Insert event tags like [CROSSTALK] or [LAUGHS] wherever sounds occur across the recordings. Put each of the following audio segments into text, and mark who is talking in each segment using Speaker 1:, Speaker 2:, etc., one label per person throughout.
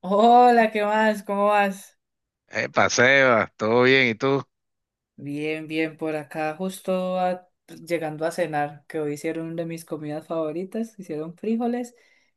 Speaker 1: Hola, ¿qué más? ¿Cómo vas?
Speaker 2: Epa, Sebas, todo bien. ¿Y tú?
Speaker 1: Bien, bien, por acá justo llegando a cenar, que hoy hicieron una de mis comidas favoritas, hicieron frijoles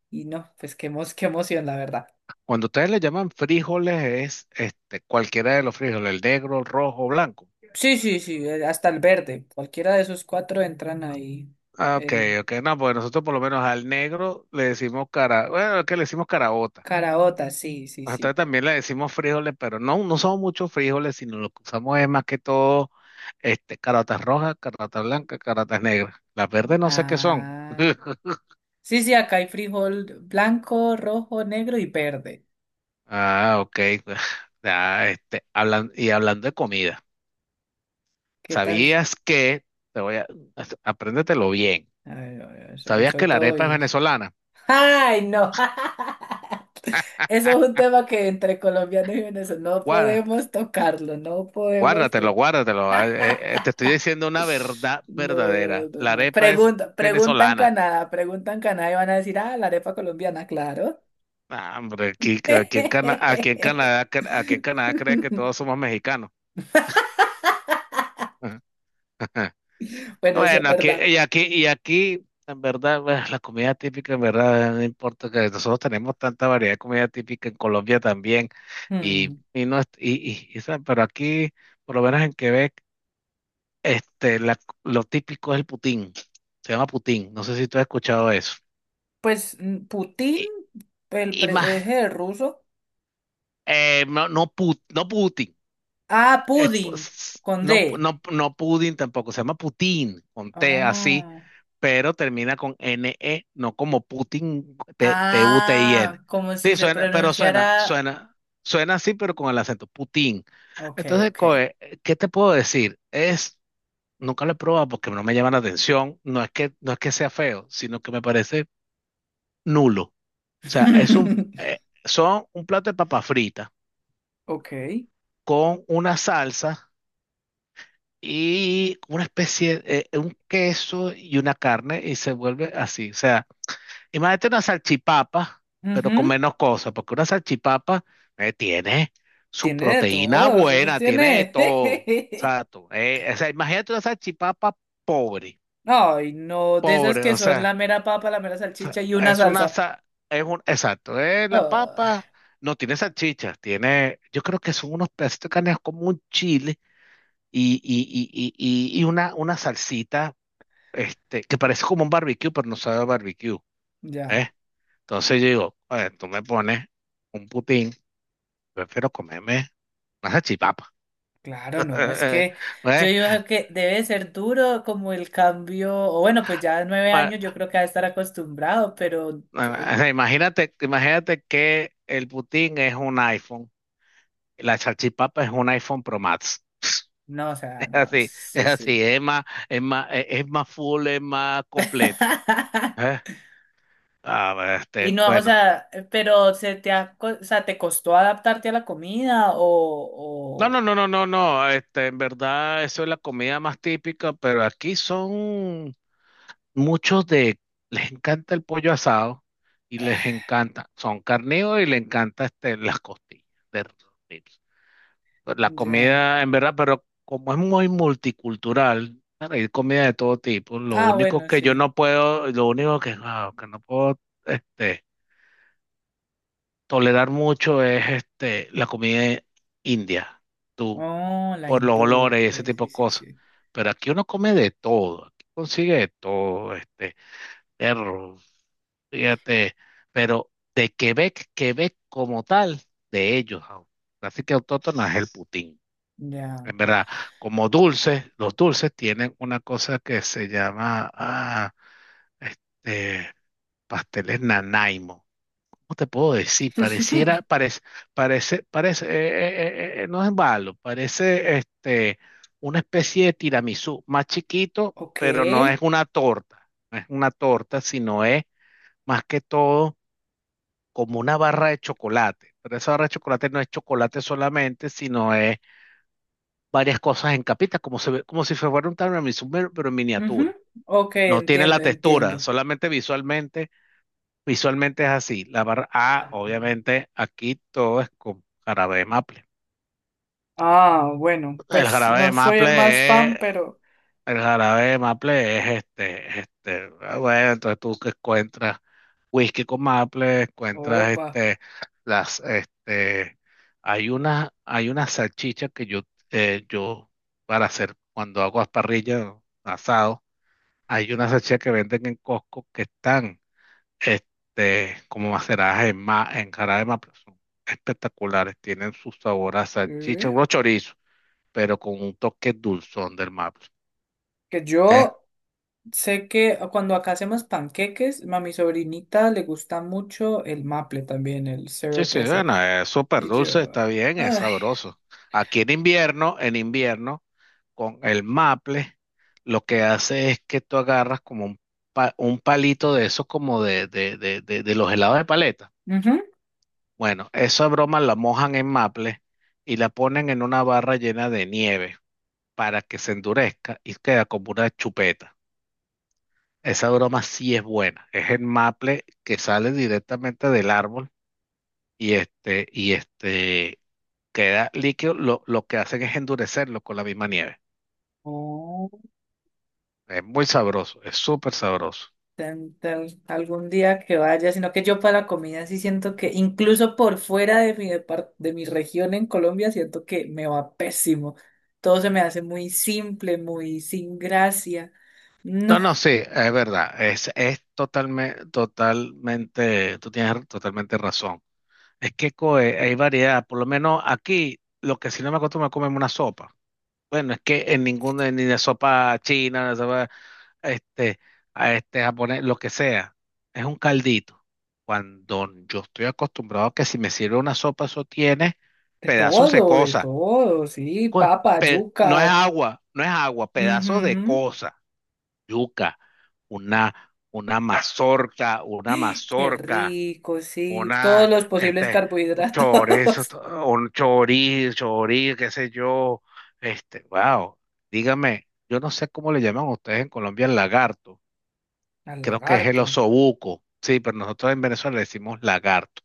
Speaker 1: y no, pues qué, qué emoción, la verdad.
Speaker 2: Cuando ustedes le llaman frijoles es cualquiera de los frijoles, el negro, el rojo, blanco.
Speaker 1: Sí, sí, sí, hasta el verde, cualquiera de esos cuatro entran ahí.
Speaker 2: Ah, ok,
Speaker 1: El
Speaker 2: ok. No, porque nosotros por lo menos al negro le decimos bueno, es que le decimos caraota.
Speaker 1: caraota, sí, sí,
Speaker 2: Nosotros
Speaker 1: sí.
Speaker 2: también le decimos frijoles, pero no son muchos frijoles, sino lo que usamos es más que todo caraotas rojas, caraotas blancas, caraotas negras. Las verdes no sé qué son.
Speaker 1: Ah,
Speaker 2: [LAUGHS]
Speaker 1: sí, sí, acá hay frijol blanco, rojo, negro y verde.
Speaker 2: Ah, ok. [LAUGHS] Ah, y hablando de comida.
Speaker 1: ¿Qué tal?
Speaker 2: ¿Sabías que, te voy a, Apréndetelo bien.
Speaker 1: Ay, ay, ay,
Speaker 2: ¿Sabías que
Speaker 1: soy
Speaker 2: la
Speaker 1: todo
Speaker 2: arepa es
Speaker 1: oídos.
Speaker 2: venezolana?
Speaker 1: ¡Ay, no! [LAUGHS] Eso es un tema que entre colombianos y venezolanos no
Speaker 2: Guarda-
Speaker 1: podemos tocarlo, no podemos
Speaker 2: guárdatelo,
Speaker 1: to-
Speaker 2: guárdatelo. Te estoy diciendo una verdad
Speaker 1: No,
Speaker 2: verdadera.
Speaker 1: no,
Speaker 2: La
Speaker 1: no.
Speaker 2: arepa es
Speaker 1: Pregunta,
Speaker 2: venezolana.
Speaker 1: Pregunta en Canadá y van a decir, ah, la arepa colombiana, claro.
Speaker 2: Ah, hombre, aquí, aquí en
Speaker 1: [LAUGHS]
Speaker 2: Canadá, cre- aquí en Canadá cree que todos somos mexicanos. [LAUGHS]
Speaker 1: Bueno, eso es
Speaker 2: Bueno, aquí,
Speaker 1: verdad.
Speaker 2: y aquí, y aquí, en verdad, bueno, la comida típica, en verdad, no importa que nosotros tenemos tanta variedad de comida típica en Colombia también,
Speaker 1: Hmm.
Speaker 2: no, ¿sabes? Pero aquí, por lo menos en Quebec, este, la- lo típico es el putín, se llama putín, no sé si tú has escuchado eso.
Speaker 1: Pues mm, Putin,
Speaker 2: Y, y más,
Speaker 1: es el ruso.
Speaker 2: no, no putín,
Speaker 1: Ah, Pudding, con D.
Speaker 2: no, no, no pudín tampoco, se llama putín, con T así,
Speaker 1: Ah,
Speaker 2: pero termina con NE, no como Putin, P- P-U-T-I-N.
Speaker 1: ah, como si
Speaker 2: Sí,
Speaker 1: se
Speaker 2: suena, pero suena,
Speaker 1: pronunciara.
Speaker 2: suena, suena así, pero con el acento, Putin.
Speaker 1: Ok,
Speaker 2: Entonces,
Speaker 1: ok.
Speaker 2: coe, ¿qué te puedo decir? Es, nunca lo he probado porque no me llama la atención, no es que sea feo, sino que me parece nulo. O sea, es un,
Speaker 1: [LAUGHS]
Speaker 2: son un plato de papa frita
Speaker 1: Ok.
Speaker 2: con una salsa y una especie de, un queso y una carne y se vuelve así. O sea, imagínate una salchipapa, pero con
Speaker 1: Ujú.
Speaker 2: menos cosas, porque una salchipapa tiene su
Speaker 1: Tiene de
Speaker 2: proteína
Speaker 1: todos, eso
Speaker 2: buena, tiene de
Speaker 1: tiene.
Speaker 2: todo.
Speaker 1: [LAUGHS]
Speaker 2: Exacto. O sea, imagínate una salchipapa pobre,
Speaker 1: Ay, no, de esas
Speaker 2: pobre,
Speaker 1: que
Speaker 2: o
Speaker 1: son la
Speaker 2: sea,
Speaker 1: mera papa, la mera salchicha
Speaker 2: sa-
Speaker 1: y una
Speaker 2: es una,
Speaker 1: salsa.
Speaker 2: sa- es un, exacto, la
Speaker 1: Ah,
Speaker 2: papa no tiene salchichas, tiene, yo creo que son unos pedacitos de carne como un chile y una salsita, que parece como un barbecue, pero no sabe a barbecue.
Speaker 1: ya,
Speaker 2: ¿Eh? Entonces yo digo, "Oye, tú me pones un putín, prefiero comerme una salchipapa."
Speaker 1: claro, no, es
Speaker 2: [LAUGHS]
Speaker 1: que yo
Speaker 2: ¿Ves?
Speaker 1: digo que debe ser duro como el cambio, o bueno, pues ya nueve
Speaker 2: Ma-
Speaker 1: años yo creo que ha de estar acostumbrado, pero
Speaker 2: o sea, imagínate que el putín es un iPhone, y la salchipapa es un iPhone Pro Max. [LAUGHS]
Speaker 1: no, o sea,
Speaker 2: Es
Speaker 1: no,
Speaker 2: así, es
Speaker 1: sí, sí.
Speaker 2: así, es más, es más, es más full, es más completo. ¿Eh?
Speaker 1: [LAUGHS]
Speaker 2: Ah, bueno,
Speaker 1: Y
Speaker 2: este,
Speaker 1: no, o
Speaker 2: bueno.
Speaker 1: sea, pero se te ha co- o sea, ¿te costó adaptarte a la comida
Speaker 2: No, no,
Speaker 1: o...
Speaker 2: no, no, no, no. En verdad, eso es la comida más típica, pero aquí son muchos de les encanta el pollo asado y les
Speaker 1: ah,
Speaker 2: encanta, son carnívoros y les encanta las costillas de ribs. Pues la
Speaker 1: ya.
Speaker 2: comida, en verdad, pero como es muy multicultural, claro, hay comida de todo tipo. Lo
Speaker 1: Ah,
Speaker 2: único
Speaker 1: bueno,
Speaker 2: que yo
Speaker 1: sí.
Speaker 2: no puedo, lo único que, que no puedo este, tolerar mucho es la comida india, tú,
Speaker 1: Oh, la
Speaker 2: por los
Speaker 1: hindú.
Speaker 2: olores y ese
Speaker 1: Pues,
Speaker 2: tipo
Speaker 1: sí,
Speaker 2: de
Speaker 1: sí,
Speaker 2: cosas.
Speaker 1: sí.
Speaker 2: Pero aquí uno come de todo, aquí consigue de todo, perro fíjate, pero de Quebec, Quebec como tal, de ellos. au- Así que autóctona es el Putin.
Speaker 1: Ya.
Speaker 2: En verdad, como dulces, los dulces tienen una cosa que se llama este, pasteles Nanaimo. ¿Cómo te puedo decir? Pareciera,
Speaker 1: [LAUGHS]
Speaker 2: parece, parece, parece, no es malo, parece una especie de tiramisú, más chiquito,
Speaker 1: Ok.
Speaker 2: pero no es una torta, sino es más que todo como una barra de chocolate. Pero esa barra de chocolate no es chocolate solamente, sino es varias cosas en capitas, como, como si fuera un tiramisú, pero en
Speaker 1: Ujú.
Speaker 2: miniatura.
Speaker 1: Ok,
Speaker 2: No tiene la
Speaker 1: entiendo,
Speaker 2: textura,
Speaker 1: entiendo.
Speaker 2: visualmente es así. La barra A, obviamente, aquí todo es con jarabe de maple.
Speaker 1: Ah, bueno,
Speaker 2: El
Speaker 1: pues
Speaker 2: jarabe
Speaker 1: no
Speaker 2: de
Speaker 1: soy el más
Speaker 2: maple
Speaker 1: fan,
Speaker 2: es
Speaker 1: pero
Speaker 2: El jarabe de maple es bueno, entonces tú que encuentras whisky con maple, encuentras
Speaker 1: Opa.
Speaker 2: las, este, hay una salchicha que yo, eh, yo, para hacer, cuando hago las parrillas, asado, hay una salchicha que venden en Costco que están, como maceradas en en jarabe de maple, son espectaculares, tienen su sabor a salchicha,
Speaker 1: ¿Eh?
Speaker 2: unos chorizos, pero con un toque dulzón del maple.
Speaker 1: Que
Speaker 2: ¿Eh?
Speaker 1: yo sé que cuando acá hacemos panqueques, a mi sobrinita le gusta mucho el maple también, el
Speaker 2: Sí,
Speaker 1: syrup
Speaker 2: sí,
Speaker 1: ese.
Speaker 2: bueno, es súper
Speaker 1: Y
Speaker 2: dulce,
Speaker 1: yo.
Speaker 2: está bien, es
Speaker 1: Ay.
Speaker 2: sabroso. Aquí en invierno, con el maple, lo que hace es que tú agarras como un, un palito de esos como de los helados de paleta. Bueno, esa broma la mojan en maple y la ponen en una barra llena de nieve para que se endurezca y queda como una chupeta. Esa broma sí es buena. Es el maple que sale directamente del árbol y este, y este. queda líquido, lo que hacen es endurecerlo con la misma nieve.
Speaker 1: Ujú.
Speaker 2: Es muy sabroso, es súper sabroso.
Speaker 1: Algún día que vaya, sino que yo para la comida sí siento que incluso por fuera de mi, de mi región en Colombia siento que me va pésimo. Todo se me hace muy simple, muy sin gracia. No,
Speaker 2: No, no, sí, es verdad, es totalmente, totalmente, tú tienes totalmente razón. Es que coe, hay variedad, por lo menos aquí, lo que si no me acostumbro a comerme una sopa. Bueno, es que en ninguna, ni de sopa china, este, a este japonés, lo que sea, es un caldito. Cuando yo estoy acostumbrado a que si me sirve una sopa, eso tiene pedazos de
Speaker 1: de
Speaker 2: cosas.
Speaker 1: todo, sí,
Speaker 2: Pues,
Speaker 1: papa, yuca.
Speaker 2: no es agua, pedazo de
Speaker 1: Ujú.
Speaker 2: cosa, yuca, una, una
Speaker 1: Qué
Speaker 2: mazorca,
Speaker 1: rico, sí, todos
Speaker 2: una,
Speaker 1: los posibles
Speaker 2: este, un chorizo,
Speaker 1: carbohidratos. [LAUGHS]
Speaker 2: chorizo, qué sé yo, wow, dígame, yo no sé cómo le llaman ustedes en Colombia el lagarto,
Speaker 1: Al
Speaker 2: creo que es el
Speaker 1: lagarto,
Speaker 2: osobuco, sí, pero nosotros en Venezuela le decimos lagarto,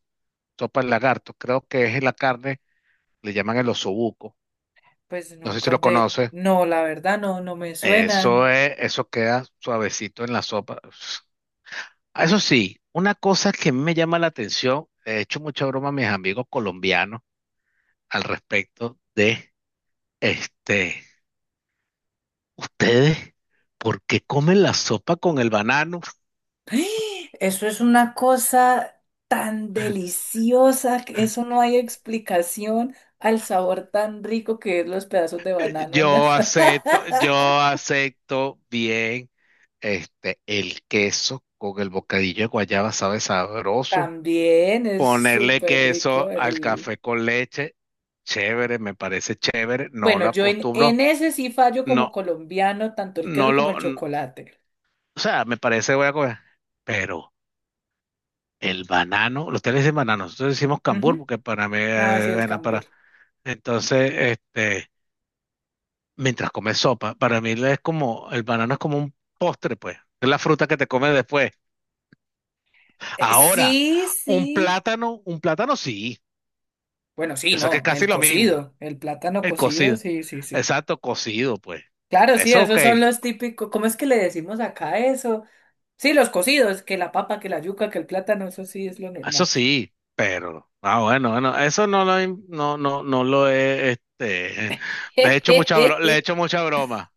Speaker 2: sopa de lagarto, creo que es la carne, le llaman el osobuco,
Speaker 1: pues
Speaker 2: no sé si lo
Speaker 1: nunca te...
Speaker 2: conoces.
Speaker 1: No, la verdad no, no me
Speaker 2: Eso
Speaker 1: suenan.
Speaker 2: es, eso queda suavecito en la sopa. Ah, eso sí, una cosa que a mí me llama la atención, he hecho mucha broma a mis amigos colombianos al respecto de, este, ustedes, ¿por qué comen la sopa con el banano?
Speaker 1: ¡Ah! Eso es una cosa tan deliciosa, que eso
Speaker 2: [LAUGHS]
Speaker 1: no hay explicación al sabor tan rico que es los pedazos de banano en la salsa.
Speaker 2: Yo acepto bien, el queso con el bocadillo de guayaba sabe
Speaker 1: [LAUGHS]
Speaker 2: sabroso.
Speaker 1: También es
Speaker 2: Ponerle
Speaker 1: súper rico
Speaker 2: queso al
Speaker 1: el...
Speaker 2: café con leche, chévere, me parece chévere, no
Speaker 1: Bueno,
Speaker 2: lo
Speaker 1: yo
Speaker 2: acostumbro,
Speaker 1: en ese sí fallo como
Speaker 2: no,
Speaker 1: colombiano, tanto el
Speaker 2: no
Speaker 1: queso como el
Speaker 2: lo,
Speaker 1: chocolate.
Speaker 2: o sea, me parece voy a comer, pero el banano, los le dicen banano, nosotros decimos cambur
Speaker 1: Ujú.
Speaker 2: porque para mí
Speaker 1: Ah, sí, el
Speaker 2: bueno, para,
Speaker 1: cambur.
Speaker 2: entonces, este, mientras comes sopa, para mí es como, el banano es como un postre, pues, es la fruta que te comes después. Ahora,
Speaker 1: Sí, sí.
Speaker 2: un plátano sí,
Speaker 1: Bueno, sí,
Speaker 2: yo sé que es
Speaker 1: no,
Speaker 2: casi
Speaker 1: el
Speaker 2: lo mismo.
Speaker 1: cocido, el plátano
Speaker 2: El
Speaker 1: cocido,
Speaker 2: cocido.
Speaker 1: sí, sí, sí.
Speaker 2: Exacto, cocido, pues.
Speaker 1: Claro, sí,
Speaker 2: Eso ok,
Speaker 1: esos son los típicos, ¿cómo es que le decimos acá eso? Sí, los cocidos, que la papa, que la yuca, que el plátano, eso sí es lo
Speaker 2: eso
Speaker 1: normal.
Speaker 2: sí, pero, ah, bueno, bueno, eso no lo, no, no, no lo he, le he hecho mucha broma, le he
Speaker 1: [LAUGHS]
Speaker 2: hecho mucha broma,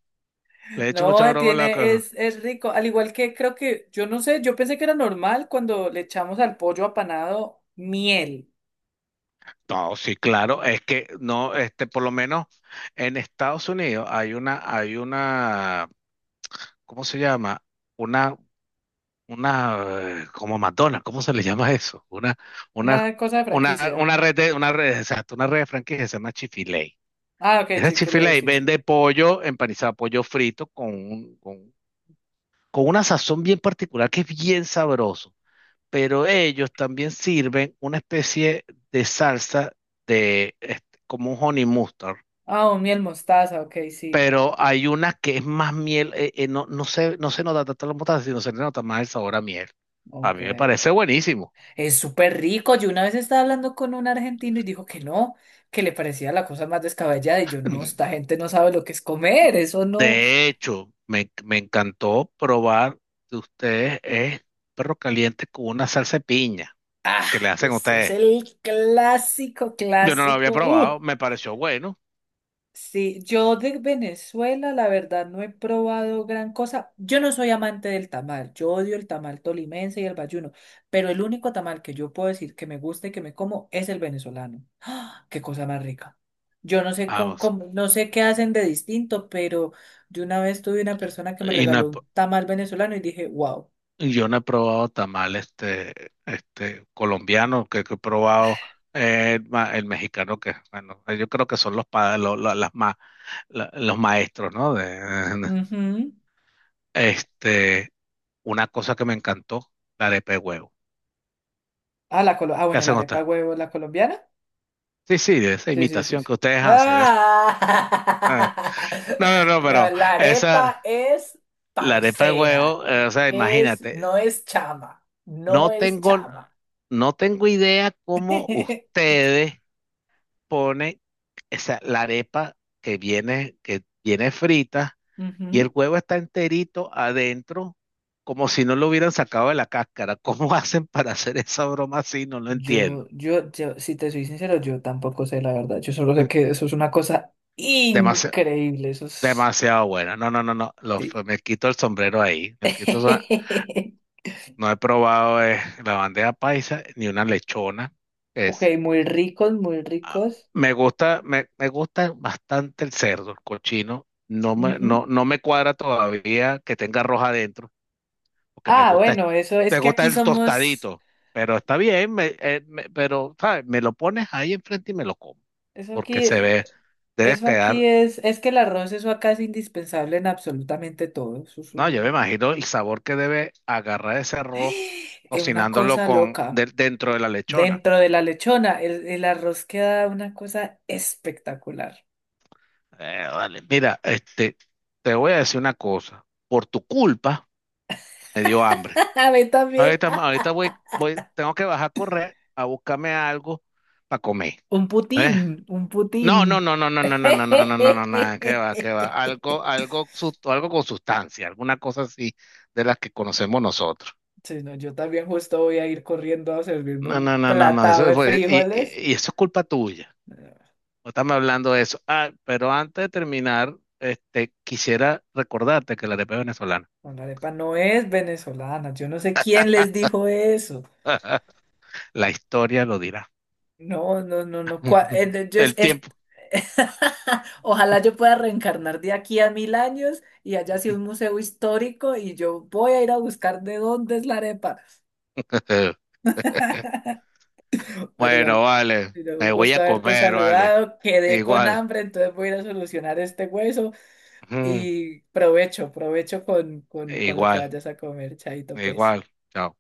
Speaker 2: le he hecho mucha
Speaker 1: No,
Speaker 2: broma a la
Speaker 1: tiene,
Speaker 2: cosa.
Speaker 1: es rico. Al igual que creo que, yo no sé, yo pensé que era normal cuando le echamos al pollo apanado miel.
Speaker 2: No, sí, claro, es que no, por lo menos en Estados Unidos hay una, ¿cómo se llama? Una, como Madonna, ¿cómo se le llama eso?
Speaker 1: Una
Speaker 2: Una,
Speaker 1: cosa de franquicia.
Speaker 2: una red de, una red, exacto, una red de franquicias, se llama Chick-fil-A.
Speaker 1: Ah, ok,
Speaker 2: Esa
Speaker 1: chick
Speaker 2: chifila ahí
Speaker 1: sí, sí.
Speaker 2: vende pollo empanizado, pollo frito con una sazón bien particular que es bien sabroso. Pero ellos también sirven una especie de salsa de como un honey mustard.
Speaker 1: Ah, un miel mostaza, ok, sí.
Speaker 2: Pero hay una que es más miel, no, no se nota tanto la mostaza, sino se le nota más el sabor a miel. A
Speaker 1: Ok.
Speaker 2: mí me parece buenísimo.
Speaker 1: Es súper rico. Yo una vez estaba hablando con un argentino y dijo que no, que le parecía la cosa más descabellada. Y yo, no, esta
Speaker 2: [CLEARS THROAT]
Speaker 1: gente no sabe lo que es comer, eso no.
Speaker 2: De hecho, me encantó probar de ustedes es perro caliente con una salsa de piña
Speaker 1: Ah,
Speaker 2: que le hacen a
Speaker 1: eso es
Speaker 2: ustedes.
Speaker 1: el clásico,
Speaker 2: Yo no lo
Speaker 1: clásico.
Speaker 2: había
Speaker 1: ¡Uh!
Speaker 2: probado, me pareció bueno.
Speaker 1: Sí, yo de Venezuela, la verdad, no he probado gran cosa. Yo no soy amante del tamal, yo odio el tamal tolimense y el bayuno, pero el único tamal que yo puedo decir que me gusta y que me como es el venezolano. ¡Ah! ¡Qué cosa más rica! Yo no sé
Speaker 2: Vamos.
Speaker 1: no sé qué hacen de distinto, pero yo una vez tuve una persona que me
Speaker 2: Y no he
Speaker 1: regaló
Speaker 2: p-
Speaker 1: un tamal venezolano y dije, wow.
Speaker 2: yo no he probado tamal este colombiano, que he probado el mexicano, que bueno, yo creo que son los pa- lo- las ma- la- los maestros, ¿no? De, [LAUGHS] de-
Speaker 1: Ujú.
Speaker 2: este, una cosa que me encantó, la arepa de huevo.
Speaker 1: Ah,
Speaker 2: ¿Qué
Speaker 1: bueno, la
Speaker 2: hacen ustedes?
Speaker 1: arepa huevo, la colombiana.
Speaker 2: Sí, sí, de esa
Speaker 1: Sí, sí, sí,
Speaker 2: imitación
Speaker 1: sí.
Speaker 2: que ustedes hacen. [LAUGHS] ¿No? Ah,
Speaker 1: ¡Ah!
Speaker 2: no, no,
Speaker 1: [LAUGHS]
Speaker 2: no,
Speaker 1: La,
Speaker 2: pero
Speaker 1: la
Speaker 2: esa,
Speaker 1: arepa es
Speaker 2: la arepa de
Speaker 1: parcera,
Speaker 2: huevo, o sea,
Speaker 1: es,
Speaker 2: imagínate,
Speaker 1: no es chama, no
Speaker 2: No
Speaker 1: es
Speaker 2: tengo,
Speaker 1: chama.
Speaker 2: no tengo idea
Speaker 1: [LAUGHS]
Speaker 2: cómo ustedes ponen la arepa que viene frita y el
Speaker 1: Ujú.
Speaker 2: huevo está enterito adentro, como si no lo hubieran sacado de la cáscara. ¿Cómo [LAUGHS] hacen para hacer esa broma así? No lo entiendo.
Speaker 1: Si te soy sincero, yo tampoco sé la verdad. Yo solo sé que eso es una cosa
Speaker 2: Demasi-
Speaker 1: increíble. Eso es.
Speaker 2: demasiado buena. No, no, no, no.
Speaker 1: Sí.
Speaker 2: Me quito el sombrero ahí. Me quito, el som-
Speaker 1: [LAUGHS]
Speaker 2: no he probado la bandeja paisa ni una lechona.
Speaker 1: Ok, muy ricos, muy
Speaker 2: Ah,
Speaker 1: ricos.
Speaker 2: me gusta, me gusta bastante el cerdo, el cochino.
Speaker 1: Ujú.
Speaker 2: No me cuadra todavía que tenga arroz adentro, porque
Speaker 1: Ah, bueno, eso es
Speaker 2: me
Speaker 1: que
Speaker 2: gusta
Speaker 1: aquí
Speaker 2: el
Speaker 1: somos.
Speaker 2: tostadito. Pero está bien, pero ¿sabes? Me lo pones ahí enfrente y me lo como,
Speaker 1: Eso
Speaker 2: porque
Speaker 1: aquí,
Speaker 2: se ve,
Speaker 1: eh,
Speaker 2: debe
Speaker 1: eso
Speaker 2: quedar.
Speaker 1: aquí es que el arroz, eso acá es indispensable en absolutamente todo. Eso es
Speaker 2: No, yo me
Speaker 1: un-
Speaker 2: imagino el sabor que debe agarrar ese arroz
Speaker 1: [GASPS] es una
Speaker 2: cocinándolo
Speaker 1: cosa
Speaker 2: con
Speaker 1: loca.
Speaker 2: dentro de la lechona.
Speaker 1: Dentro de la lechona, el arroz queda una cosa espectacular.
Speaker 2: Vale, mira, te voy a decir una cosa. Por tu culpa me dio hambre.
Speaker 1: [LAUGHS] A mí también.
Speaker 2: Ahorita, ahorita
Speaker 1: [LAUGHS]
Speaker 2: tengo que bajar a correr a buscarme algo para comer.
Speaker 1: Un putín,
Speaker 2: ¿Eh?
Speaker 1: un putín.
Speaker 2: No, no, no, no, no, no, no, no, no, no, no, no, nada, qué va, qué va. Algo,
Speaker 1: [LAUGHS]
Speaker 2: algo con sustancia, alguna cosa así de las que conocemos nosotros.
Speaker 1: Sí, no, yo también justo voy a ir corriendo a servirme
Speaker 2: No, no,
Speaker 1: un
Speaker 2: no, no, no,
Speaker 1: platado
Speaker 2: eso
Speaker 1: de
Speaker 2: fue,
Speaker 1: frijoles.
Speaker 2: y eso es culpa tuya.
Speaker 1: Eh,
Speaker 2: No estamos hablando de eso. Ah, pero antes de terminar, quisiera recordarte que la arepa es venezolana.
Speaker 1: No, la arepa no es venezolana. Yo no sé quién les dijo eso.
Speaker 2: [LAUGHS] La historia lo dirá.
Speaker 1: No, no, no, no.
Speaker 2: [LAUGHS]
Speaker 1: Yo
Speaker 2: El
Speaker 1: es-
Speaker 2: tiempo.
Speaker 1: [LAUGHS] Ojalá yo pueda reencarnar de aquí a 1000 años y haya sido un museo histórico y yo voy a ir a buscar de dónde es la arepa.
Speaker 2: [LAUGHS]
Speaker 1: [LAUGHS] Pero
Speaker 2: Bueno,
Speaker 1: igual,
Speaker 2: vale.
Speaker 1: pero
Speaker 2: Me
Speaker 1: un
Speaker 2: voy
Speaker 1: gusto
Speaker 2: a
Speaker 1: haberte
Speaker 2: comer, vale.
Speaker 1: saludado. Quedé con
Speaker 2: Igual,
Speaker 1: hambre, entonces voy a ir a solucionar este hueso
Speaker 2: ujú,
Speaker 1: y provecho, provecho con lo que
Speaker 2: igual,
Speaker 1: vayas a comer, chaito, pues.
Speaker 2: igual. Chao.